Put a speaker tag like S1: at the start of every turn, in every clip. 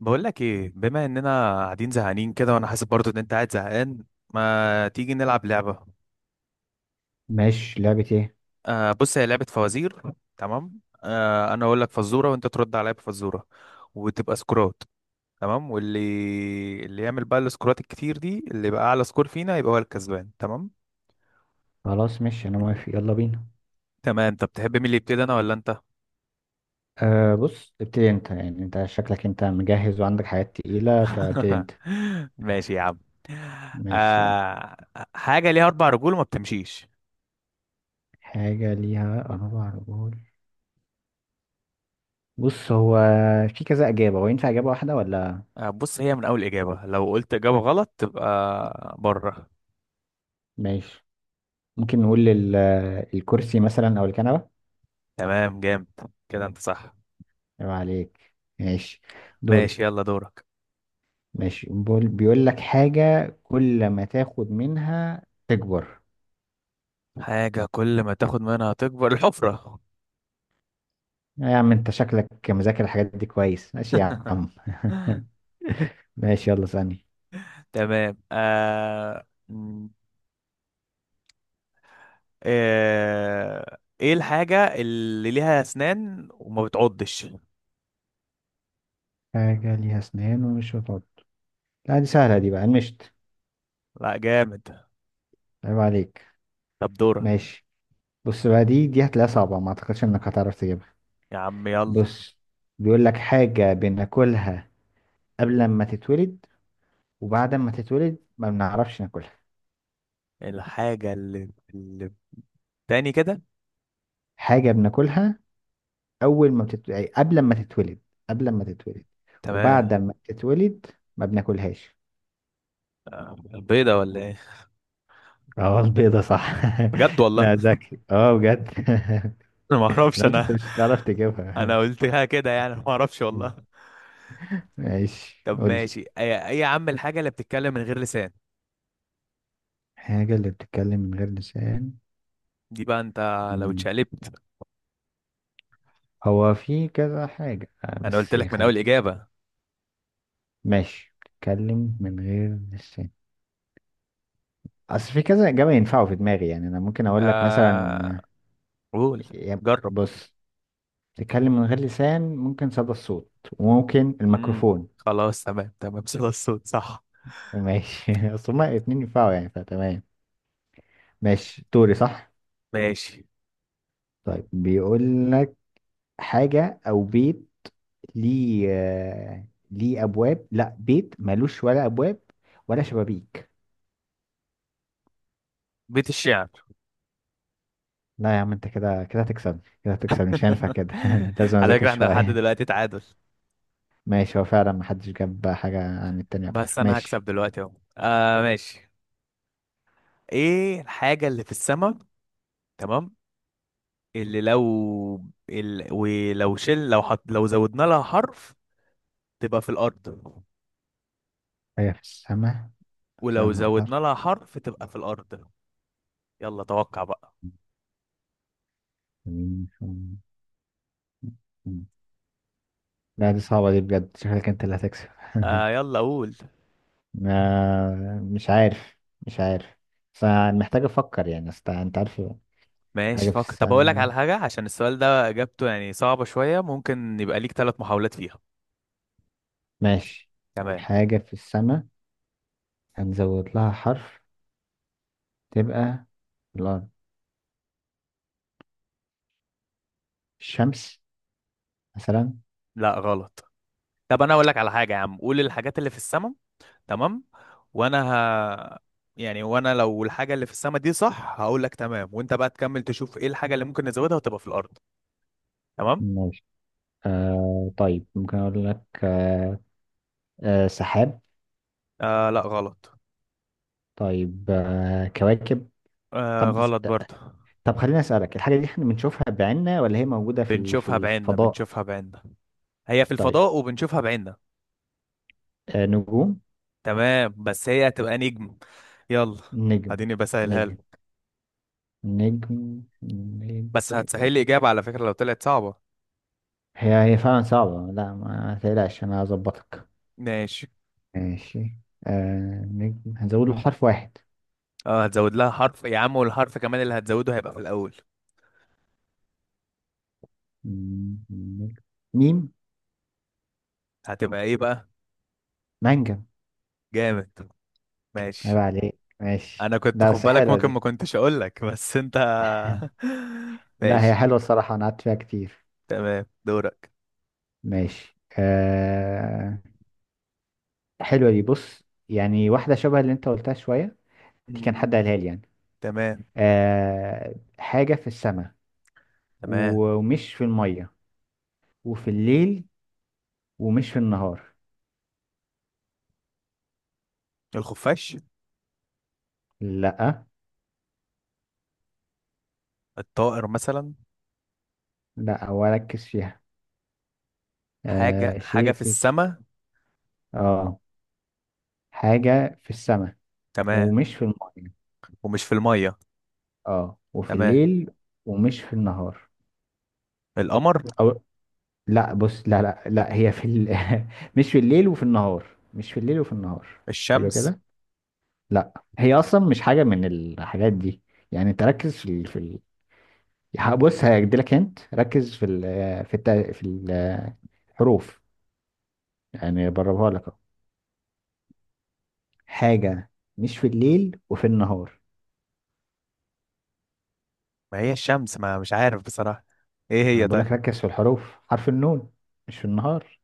S1: بقول لك ايه؟ بما اننا قاعدين زهقانين كده، وانا حاسس برضو ان انت قاعد زهقان. ما تيجي نلعب لعبة؟
S2: ماشي، لعبة ايه؟
S1: آه، بص، هي لعبة فوازير. تمام، آه انا اقول لك فزورة وانت ترد عليا بفزورة، وتبقى سكورات. تمام، واللي يعمل بقى السكورات الكتير دي، اللي يبقى اعلى سكور فينا يبقى هو الكسبان، تمام.
S2: خلاص، ماشي، انا موافق، يلا بينا.
S1: تمام، طب تحب مين اللي يبتدي، انا ولا انت؟
S2: بص، ابتدي انت، يعني انت شكلك انت مجهز وعندك حاجات تقيلة، فابتدي انت.
S1: ماشي يا عم.
S2: ماشي، يلا.
S1: آه، حاجة ليها أربع رجول وما بتمشيش.
S2: حاجة ليها أربع رجول. بص، هو في كذا إجابة، هو ينفع إجابة واحدة ولا؟
S1: بس هي من أول إجابة، لو قلت إجابة غلط تبقى بره.
S2: ماشي. ممكن نقول الكرسي مثلا أو الكنبة.
S1: تمام، جامد. كده انت صح.
S2: يبقى عليك. ماشي.
S1: ماشي،
S2: دوري.
S1: يلا دورك.
S2: ماشي، بيقول لك حاجة كل ما تاخد منها تكبر.
S1: حاجة كل ما تاخد منها تكبر الحفرة.
S2: يا عم، انت شكلك مذاكر الحاجات دي كويس، ماشي يا عم. ماشي، يلا ثانية.
S1: تمام. ايه الحاجة اللي ليها اسنان وما بتعضش؟
S2: حاجة ليها أسنان ومش بتعض. لا، دي سهلة، دي بقى المشط.
S1: لا، جامد.
S2: عيب عليك،
S1: طب دورك.
S2: ماشي. بص بقى، دي هتلاقيها صعبة، ما أعتقدش إنك هتعرف تجيبها.
S1: يا عم يلا.
S2: بص، بيقول لك: حاجة بناكلها قبل ما تتولد، وبعد ما تتولد ما بنعرفش ناكلها.
S1: الحاجة اللي تاني كده.
S2: حاجة بناكلها أول ما بتت... أي قبل ما تتولد، قبل ما تتولد،
S1: تمام،
S2: وبعد ما تتولد ما بناكلهاش.
S1: آه، البيضة ولا ايه؟
S2: اه، البيضة صح.
S1: بجد والله.
S2: لا، ذكي اه بجد.
S1: انا ما اعرفش
S2: انا قلت انت
S1: انا.
S2: مش هتعرف
S1: انا
S2: تجيبها.
S1: قلتها كده يعني، ما اعرفش والله.
S2: ماشي،
S1: طب
S2: قولي.
S1: ماشي، ايه إيه يا عم الحاجة اللي بتتكلم من غير لسان؟
S2: حاجة اللي بتتكلم من غير لسان.
S1: دي بقى انت لو
S2: مم.
S1: اتشقلبت.
S2: هو في كذا حاجة،
S1: انا قلت
S2: بس
S1: لك من اول
S2: خليك.
S1: اجابه.
S2: ماشي، بتتكلم من غير لسان. أصل في كذا إجابة ينفعوا في دماغي، يعني أنا ممكن أقول لك
S1: آه
S2: مثلا.
S1: قول.
S2: آه، يا-
S1: جرب.
S2: بص، بتتكلم من غير لسان، ممكن صدى الصوت وممكن الميكروفون.
S1: خلاص، تمام تمام، صدى الصوت صح.
S2: ماشي أصل هما الاتنين ينفعوا يعني، فتمام. ماشي، دوري صح؟
S1: ماشي.
S2: طيب، بيقول لك: حاجة أو بيت ليه ابواب، لا، بيت مالوش ولا ابواب ولا شبابيك.
S1: بيت الشعر.
S2: لا يا عم، انت كده كده هتكسبني، كده هتكسبني، مش هينفع كده، لازم
S1: على
S2: اذاكر
S1: فكره احنا لحد
S2: شويه.
S1: دلوقتي تعادل.
S2: ماشي، هو فعلا محدش جاب حاجه عن التاني اكتر،
S1: بس انا هكسب
S2: ماشي.
S1: دلوقتي اهو. آه ماشي. ايه الحاجه اللي في السماء؟ تمام. اللي لو ال... ولو شل لو حط... لو زودنا لها حرف تبقى في الارض.
S2: هي في السماء، في
S1: ولو
S2: النهار.
S1: زودنا لها حرف تبقى في الارض. يلا توقع بقى.
S2: لا، دي صعبه دي بجد، شكلك انت اللي هتكسب.
S1: آه يلا قول.
S2: مش عارف، مش عارف، بس أنا محتاج افكر يعني، أصل انت عارف.
S1: ماشي
S2: حاجه في
S1: فكر. طب اقول لك
S2: السماء.
S1: على حاجه، عشان السؤال ده اجابته يعني صعبه شويه، ممكن يبقى ليك ثلاث محاولات فيها.
S2: ماشي. حاجه في السماء، هنزود لها حرف، تبقى الأرض. الشمس مثلا.
S1: لا غلط. طب انا اقول لك على حاجه يا عم، قول الحاجات اللي في السماء. تمام. وانا ه... يعني وانا لو الحاجه اللي في السماء دي صح، هقول لك تمام، وانت بقى تكمل تشوف ايه الحاجه اللي ممكن نزودها وتبقى في الارض. تمام.
S2: ماشي. طيب، ممكن أقول لك، سحاب.
S1: آه لا غلط.
S2: طيب، كواكب.
S1: آه
S2: طب.
S1: غلط برضه.
S2: خليني أسألك، الحاجة دي احنا بنشوفها بعيننا ولا هي موجودة في
S1: شوفها بعيننا.
S2: الفضاء؟
S1: شوفها بعيننا. هي في
S2: طيب،
S1: الفضاء وبنشوفها بعيننا.
S2: نجوم.
S1: تمام بس هي هتبقى نجم. يلا
S2: نجم.
S1: اديني بسهلها
S2: نجم.
S1: لك.
S2: نجم نجم.
S1: بس هتسهل لي اجابه على فكره لو طلعت صعبه.
S2: هي هي فعلا صعبة، لا ما تقلقش، أنا هظبطك.
S1: ماشي.
S2: ماشي. نجم، هنزود له حرف واحد.
S1: اه هتزود لها حرف يا عم، والحرف كمان اللي هتزوده هيبقى في الاول.
S2: نجم. ميم.
S1: هتبقى ايه بقى؟
S2: مانجا.
S1: جامد.
S2: عيب
S1: ماشي.
S2: عليك، ماشي،
S1: انا كنت
S2: لا
S1: خد
S2: بس
S1: بالك،
S2: حلوة
S1: ممكن ما
S2: دي.
S1: كنتش اقول لك، بس انت.
S2: لا، هي
S1: ماشي.
S2: حلوة الصراحة، أنا قعدت فيها كتير.
S1: تمام دورك.
S2: ماشي. حلوة دي، بص، يعني واحدة شبه اللي أنت قلتها شوية، دي كان حد
S1: مم،
S2: قالها لي، يعني.
S1: تمام
S2: حاجة في السماء،
S1: تمام.
S2: ومش في المية، وفي الليل، ومش في النهار.
S1: الخفاش.
S2: لا.
S1: الطائر مثلا.
S2: لا، وركز فيها.
S1: حاجة، حاجة
S2: شيء
S1: في السماء.
S2: اه، حاجة في السماء،
S1: تمام.
S2: ومش في المية،
S1: ومش في المية.
S2: اه وفي
S1: تمام.
S2: الليل، ومش في النهار.
S1: القمر.
S2: أو لا، بص، لا لا لا، هي في مش في الليل وفي النهار، مش في الليل وفي النهار. حلو
S1: الشمس.
S2: كده. لا، هي اصلا مش حاجه من الحاجات دي، يعني انت ركز بص هيديلك، انت ركز في ال... في الت... في ال- الحروف، يعني بربها لك أهو. حاجه، مش في الليل وفي النهار.
S1: ما هي الشمس، ما مش عارف بصراحة. ايه
S2: انا
S1: هي
S2: بقول لك
S1: طيب؟
S2: ركز في الحروف، حرف النون. مش في النهار،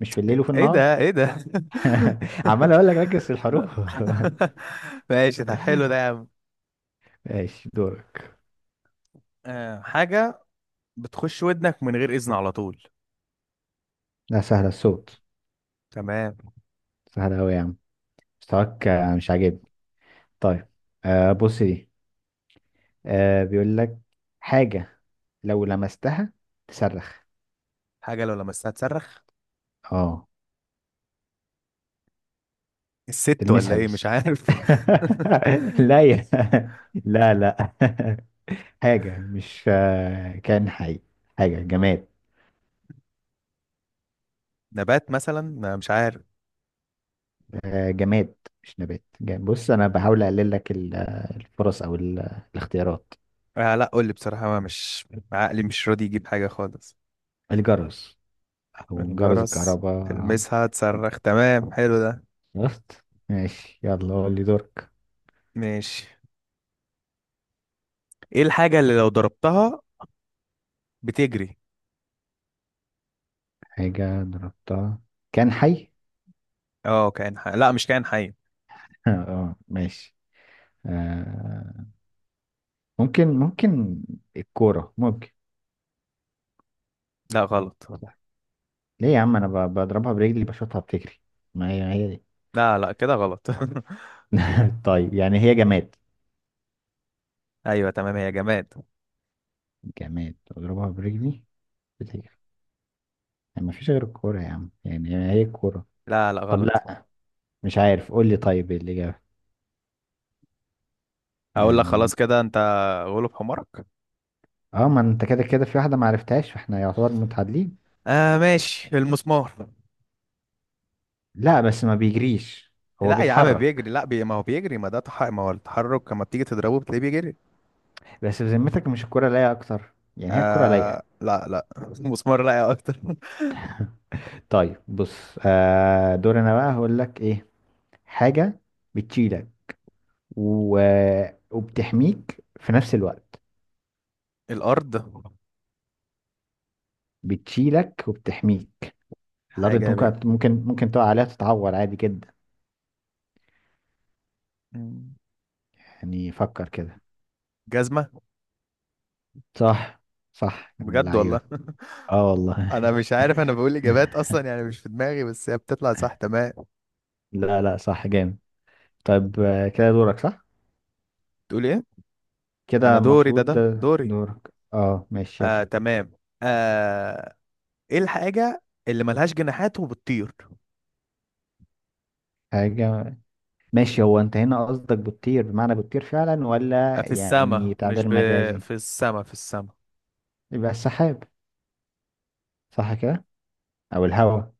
S2: مش في الليل وفي
S1: ايه
S2: النهار.
S1: ده ايه ده؟
S2: عمال اقول لك ركز في الحروف.
S1: ماشي، طب حلو ده يا عم.
S2: ماشي، دورك.
S1: آه، حاجة بتخش ودنك من غير إذن على طول.
S2: لا، سهله، الصوت.
S1: تمام.
S2: سهله قوي يا عم، مستواك مش عاجبني. طيب، بص، دي... بيقول لك: حاجة لو لمستها تصرخ.
S1: حاجة لو لمستها تصرخ.
S2: اه،
S1: الست ولا
S2: تلمسها
S1: إيه، مش
S2: بس.
S1: عارف.
S2: لا لا لا. حاجة مش كائن حي، حاجة جماد.
S1: نبات مثلا، ما مش عارف.
S2: جماد، مش نبات، جماد. بص، أنا بحاول أقلل لك الفرص، أو الاختيارات.
S1: آه لا قول لي بصراحة، ما مش عقلي مش راضي يجيب حاجة خالص.
S2: الجرس، أو جرس
S1: الجرس.
S2: الكهرباء.
S1: تلمسها تصرخ، تمام، حلو ده.
S2: شفت؟ ماشي، يلا قول لي دورك.
S1: ماشي. إيه الحاجة اللي لو ضربتها بتجري؟
S2: حاجة ضربتها كان حي؟
S1: اه كائن حي، لا مش كائن حي.
S2: اه، ماشي. آه ممكن، الكورة ممكن.
S1: لا غلط.
S2: ليه يا عم، انا بضربها برجلي بشوطها بتجري، ما هي هي دي.
S1: لا لا كده غلط.
S2: طيب، يعني هي جماد،
S1: ايوه تمام، هي جماد.
S2: جماد اضربها برجلي بتجري، يعني ما فيش غير الكورة يا عم، يعني هي الكورة.
S1: لا لا
S2: طب
S1: غلط.
S2: لا، مش عارف، قول لي طيب إيه الإجابة
S1: اقول لك
S2: يعني.
S1: خلاص كده انت غلب حمارك.
S2: اه، ما انت كده كده في واحدة ما عرفتهاش، فاحنا يعتبر متعادلين.
S1: آه ماشي، المسمار.
S2: لا بس ما بيجريش. هو
S1: لا يا عم بيجري،
S2: بيتحرك،
S1: لا بي... ما هو بيجري، ما ده تح... ما هو التحرك لما بتيجي تضربه بتلاقيه بيجري.
S2: بس في ذمتك، مش الكورة لايقة اكتر؟ يعني هي الكورة لايقة.
S1: آه لا لا المسمار لا، يا اكتر.
S2: طيب بص، دور انا بقى، هقول لك ايه. حاجة بتشيلك و... وبتحميك في نفس الوقت.
S1: الارض.
S2: بتشيلك وبتحميك. الارض؟ انت
S1: حاجه بي...
S2: ممكن تقع عليها تتعور عادي جدا،
S1: مم.
S2: يعني فكر كده.
S1: جزمه.
S2: صح. صح، من
S1: بجد والله.
S2: اللعيبة. اه والله.
S1: انا مش عارف، انا بقول اجابات اصلا يعني مش في دماغي، بس هي بتطلع صح. تمام
S2: لا لا، صح جامد. طيب، كده دورك صح.
S1: تقول ايه؟ انا
S2: كده
S1: دوري ده
S2: المفروض
S1: ده
S2: ده
S1: دوري.
S2: دورك، اه ماشي يلا.
S1: آه تمام. آه ايه الحاجه اللي ملهاش جناحات وبتطير؟
S2: حاجة. ماشي، هو انت هنا قصدك بتطير بمعنى بتطير فعلا، ولا يعني
S1: السما. مش
S2: تعبير
S1: ب...
S2: مجازي؟
S1: في السما.
S2: يبقى السحاب، صح كده؟ او الهواء.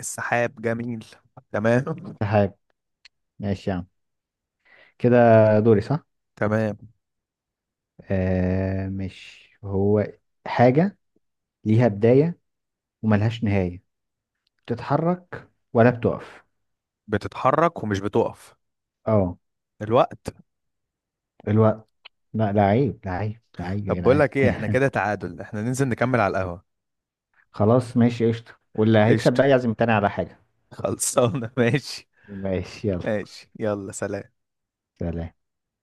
S1: السحاب جميل. تمام.
S2: سحاب. ماشي يا عم، كده دوري صح؟
S1: تمام،
S2: مش هو. حاجة ليها بداية وملهاش نهاية، بتتحرك ولا بتقف؟
S1: بتتحرك ومش بتقف.
S2: اه.
S1: الوقت.
S2: الوقت. لا لا، عيب، لا عيب، لا عيب يا
S1: طب بقول
S2: جدعان!
S1: لك ايه، احنا كده تعادل، احنا ننزل نكمل على القهوة.
S2: خلاص، ماشي قشطة، واللي هيكسب
S1: قشطة.
S2: بقى يعزم التاني على حاجة.
S1: صالة، ماشي.
S2: ماشي، يلا
S1: ماشي يلا، سلام.
S2: سلام.